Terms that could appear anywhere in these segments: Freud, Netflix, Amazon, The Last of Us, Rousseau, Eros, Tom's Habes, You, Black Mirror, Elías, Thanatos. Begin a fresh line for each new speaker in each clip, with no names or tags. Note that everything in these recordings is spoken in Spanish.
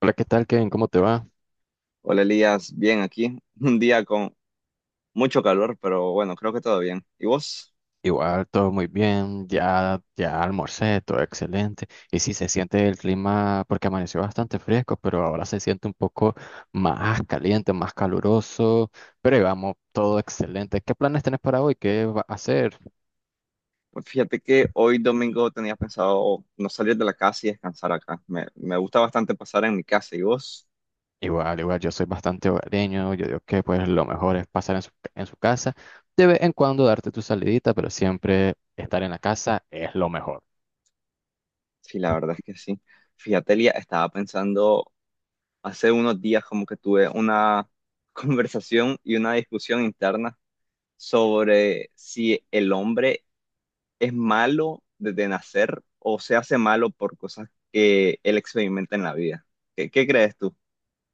Hola, ¿qué tal, Kevin? ¿Cómo te va?
Hola Elías, bien aquí. Un día con mucho calor, pero bueno, creo que todo bien. ¿Y vos?
Igual, todo muy bien, ya almorcé, todo excelente. Y sí, se siente el clima, porque amaneció bastante fresco, pero ahora se siente un poco más caliente, más caluroso, pero vamos, todo excelente. ¿Qué planes tenés para hoy? ¿Qué vas a hacer?
Pues fíjate que hoy domingo tenía pensado no salir de la casa y descansar acá. Me gusta bastante pasar en mi casa. ¿Y vos?
Igual, igual, yo soy bastante hogareño, yo digo que pues lo mejor es pasar en su casa, de vez en cuando darte tu salidita, pero siempre estar en la casa es lo mejor.
Sí, la verdad es que sí. Fíjate, Elías, estaba pensando hace unos días como que tuve una conversación y una discusión interna sobre si el hombre es malo desde nacer o se hace malo por cosas que él experimenta en la vida. ¿Qué crees tú?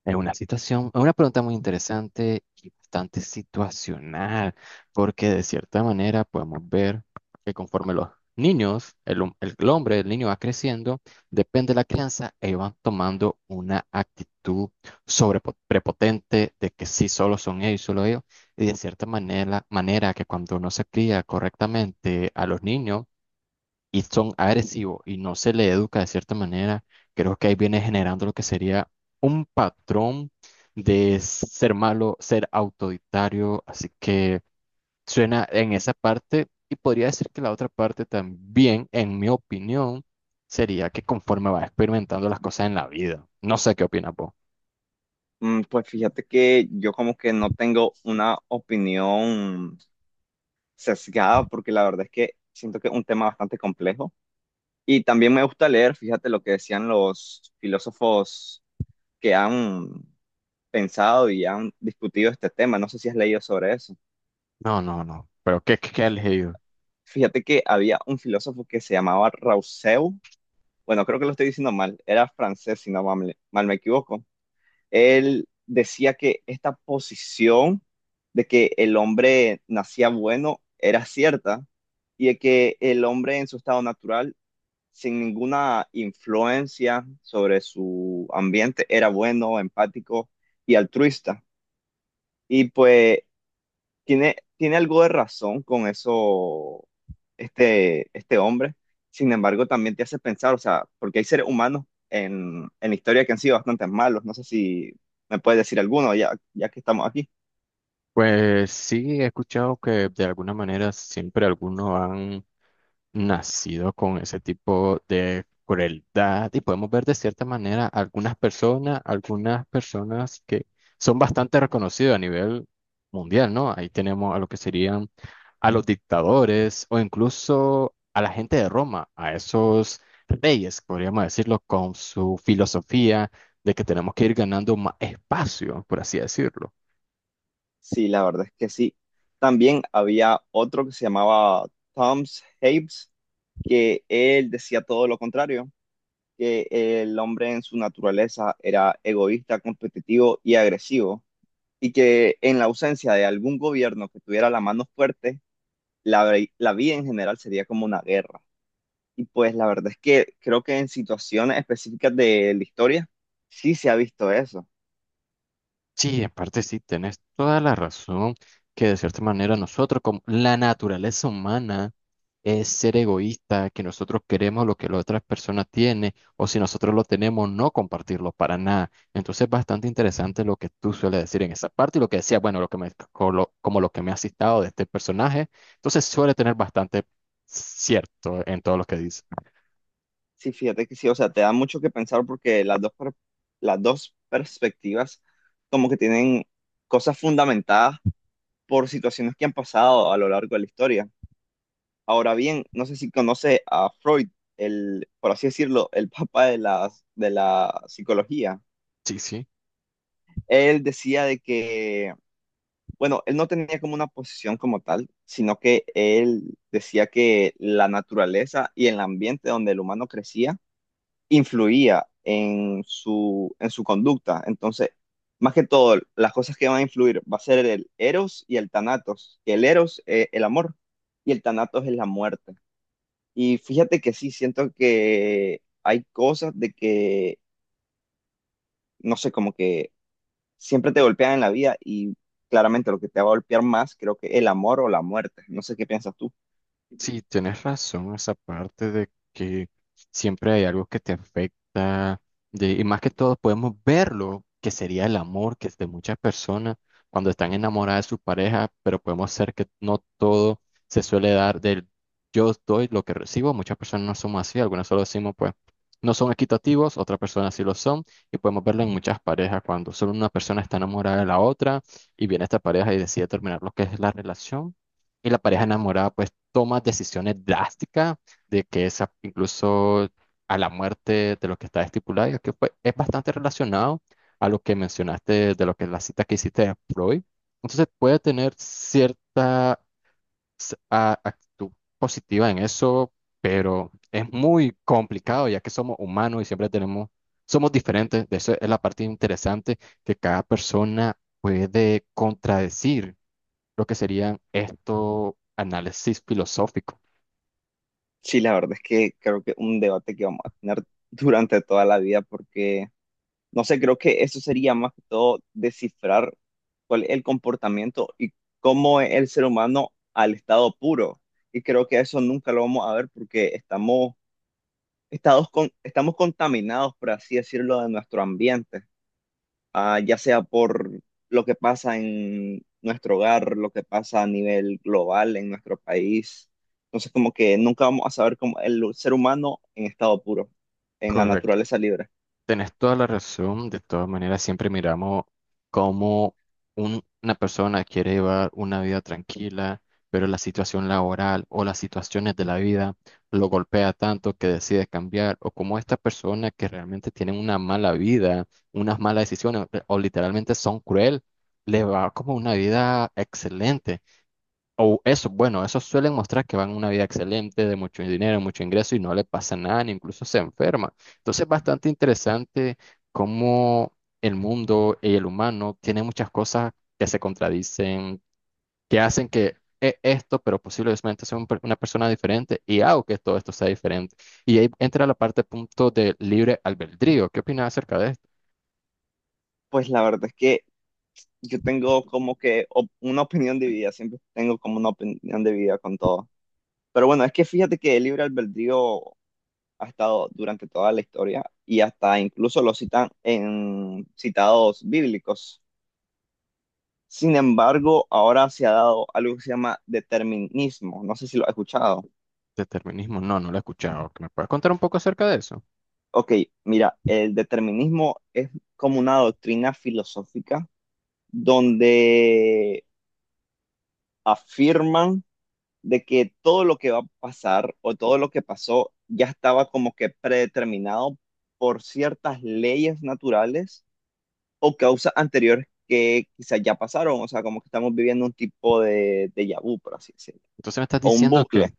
Es una situación, es una pregunta muy interesante y bastante situacional, porque de cierta manera podemos ver que conforme los niños, el hombre, el niño va creciendo, depende de la crianza, ellos van tomando una actitud sobre prepotente de que sí, solo son ellos, solo ellos, y de cierta manera que cuando no se cría correctamente a los niños, y son agresivos y no se le educa de cierta manera, creo que ahí viene generando lo que sería un patrón de ser malo, ser autoritario, así que suena en esa parte y podría decir que la otra parte también, en mi opinión, sería que conforme vas experimentando las cosas en la vida, no sé qué opinas vos.
Mm, pues fíjate que yo como que no tengo una opinión sesgada porque la verdad es que siento que es un tema bastante complejo y también me gusta leer, fíjate lo que decían los filósofos que han pensado y han discutido este tema, no sé si has leído sobre eso.
No, no, no, pero ¿qué has elegido?
Fíjate que había un filósofo que se llamaba Rousseau, bueno, creo que lo estoy diciendo mal, era francés si no mal me equivoco. Él decía que esta posición de que el hombre nacía bueno era cierta y de que el hombre en su estado natural, sin ninguna influencia sobre su ambiente, era bueno, empático y altruista. Y pues tiene algo de razón con eso este hombre. Sin embargo, también te hace pensar, o sea, porque hay seres humanos en la historia que han sido bastante malos. No sé si me puedes decir alguno ya, ya que estamos aquí.
Pues sí, he escuchado que de alguna manera siempre algunos han nacido con ese tipo de crueldad y podemos ver de cierta manera algunas personas que son bastante reconocidas a nivel mundial, ¿no? Ahí tenemos a lo que serían a los dictadores o incluso a la gente de Roma, a esos reyes, podríamos decirlo, con su filosofía de que tenemos que ir ganando más espacio, por así decirlo.
Sí, la verdad es que sí. También había otro que se llamaba Tom's Habes, que él decía todo lo contrario, que el hombre en su naturaleza era egoísta, competitivo y agresivo y que en la ausencia de algún gobierno que tuviera la mano fuerte, la, la vida en general sería como una guerra. Y pues la verdad es que creo que en situaciones específicas de la historia sí se ha visto eso.
Sí, en parte sí, tenés toda la razón que de cierta manera nosotros, como la naturaleza humana, es ser egoísta, que nosotros queremos lo que la otra persona tiene, o si nosotros lo tenemos, no compartirlo para nada. Entonces, es bastante interesante lo que tú sueles decir en esa parte y lo que decía, bueno, lo que me, co- lo- como lo que me has citado de este personaje. Entonces, suele tener bastante cierto en todo lo que dice.
Sí, fíjate que sí, o sea, te da mucho que pensar porque las dos perspectivas como que tienen cosas fundamentadas por situaciones que han pasado a lo largo de la historia. Ahora bien, no sé si conoce a Freud, el, por así decirlo, el papá de la psicología.
Sí, sí.
Él decía de que, bueno, él no tenía como una posición como tal, sino que él decía que la naturaleza y el ambiente donde el humano crecía influía en en su conducta. Entonces, más que todo, las cosas que van a influir va a ser el Eros y el Thanatos, que el Eros es el amor y el Thanatos es la muerte. Y fíjate que sí, siento que hay cosas de que, no sé, como que siempre te golpean en la vida y claramente lo que te va a golpear más, creo que el amor o la muerte. No sé qué piensas tú.
Sí, tienes razón, esa parte de que siempre hay algo que te afecta, de, y más que todo podemos verlo, que sería el amor, que es de muchas personas cuando están enamoradas de su pareja, pero podemos ser que no todo se suele dar del yo doy lo que recibo, muchas personas no somos así, algunas solo decimos pues no son equitativos, otras personas sí lo son, y podemos verlo en muchas parejas cuando solo una persona está enamorada de la otra y viene esta pareja y decide terminar lo que es la relación. Y la pareja enamorada pues tomas decisiones drásticas de que esa incluso a la muerte de lo que está estipulado, y es que pues, es bastante relacionado a lo que mencionaste de lo que la cita que hiciste de Freud. Entonces puede tener cierta actitud positiva en eso, pero es muy complicado ya que somos humanos y siempre tenemos, somos diferentes. De eso es la parte interesante que cada persona puede contradecir lo que serían estos análisis filosóficos.
Sí, la verdad es que creo que un debate que vamos a tener durante toda la vida porque, no sé, creo que eso sería más que todo descifrar cuál es el comportamiento y cómo es el ser humano al estado puro. Y creo que eso nunca lo vamos a ver porque estamos contaminados, por así decirlo, de nuestro ambiente, ya sea por lo que pasa en nuestro hogar, lo que pasa a nivel global en nuestro país. Entonces, como que nunca vamos a saber cómo el ser humano en estado puro, en la
Correcto.
naturaleza libre.
Tenés toda la razón. De todas maneras, siempre miramos cómo una persona quiere llevar una vida tranquila, pero la situación laboral o las situaciones de la vida lo golpea tanto que decide cambiar, o como esta persona que realmente tiene una mala vida, unas malas decisiones, o literalmente son cruel, le va como una vida excelente. O eso, bueno, esos suelen mostrar que van una vida excelente, de mucho dinero, mucho ingreso y no le pasa nada, ni incluso se enferma. Entonces es bastante interesante cómo el mundo y el humano tiene muchas cosas que se contradicen, que hacen que esto, pero posiblemente sea una persona diferente y hago que todo esto sea diferente. Y ahí entra la parte punto de libre albedrío. ¿Qué opinas acerca de esto?
Pues la verdad es que yo tengo como que una opinión dividida, siempre tengo como una opinión dividida con todo. Pero bueno, es que fíjate que el libre albedrío ha estado durante toda la historia y hasta incluso lo citan en citados bíblicos. Sin embargo, ahora se ha dado algo que se llama determinismo. No sé si lo has escuchado.
Determinismo, no, no lo he escuchado. ¿Me puedes contar un poco acerca de eso?
Ok, mira, el determinismo es como una doctrina filosófica donde afirman de que todo lo que va a pasar o todo lo que pasó ya estaba como que predeterminado por ciertas leyes naturales o causas anteriores que quizás ya pasaron, o sea, como que estamos viviendo un tipo de déjà vu, por así decirlo,
Entonces me estás
o un
diciendo que, me
bucle.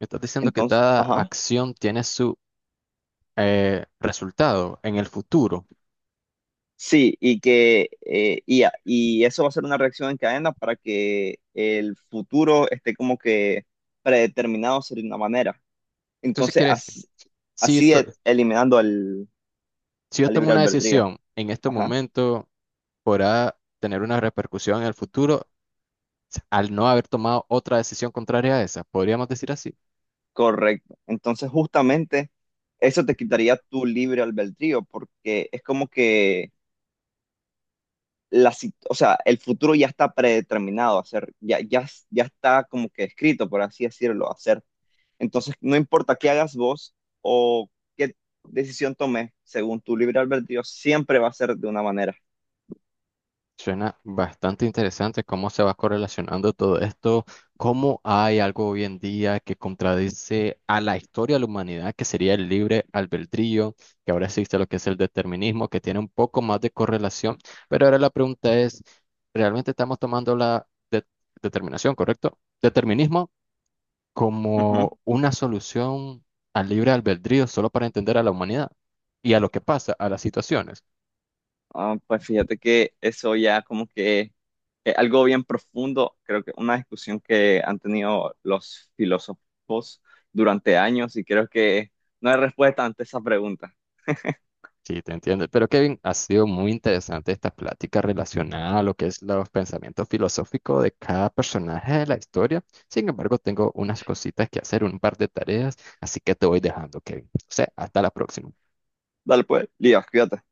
estás diciendo que
Entonces,
cada
ajá,
acción tiene su resultado en el futuro.
sí, y que y eso va a ser una reacción en cadena para que el futuro esté como que predeterminado de una manera.
Entonces
Entonces,
quiere decir,
así,
si yo, to-
eliminando
si yo
al
tomo
libre
una
albedrío.
decisión en este
Ajá,
momento, podrá tener una repercusión en el futuro al no haber tomado otra decisión contraria a esa. ¿Podríamos decir así?
correcto. Entonces, justamente eso te quitaría tu libre albedrío, porque es como que o sea, el futuro ya está predeterminado a ser, ya, ya, ya está como que escrito, por así decirlo, a ser. Entonces, no importa qué hagas vos o qué decisión tomes, según tu libre albedrío, siempre va a ser de una manera.
Suena bastante interesante cómo se va correlacionando todo esto, cómo hay algo hoy en día que contradice a la historia de la humanidad, que sería el libre albedrío, que ahora existe lo que es el determinismo, que tiene un poco más de correlación, pero ahora la pregunta es, ¿realmente estamos tomando determinación, correcto? Determinismo
Ujú.
como una solución al libre albedrío solo para entender a la humanidad y a lo que pasa, a las situaciones.
Ah, pues fíjate que eso ya como que es algo bien profundo, creo que una discusión que han tenido los filósofos durante años y creo que no hay respuesta ante esa pregunta.
Sí, te entiendo. Pero Kevin, ha sido muy interesante esta plática relacionada a lo que es los pensamientos filosóficos de cada personaje de la historia. Sin embargo, tengo unas cositas que hacer, un par de tareas, así que te voy dejando, Kevin. O sea, hasta la próxima.
Dale pues, Lías, cuídate.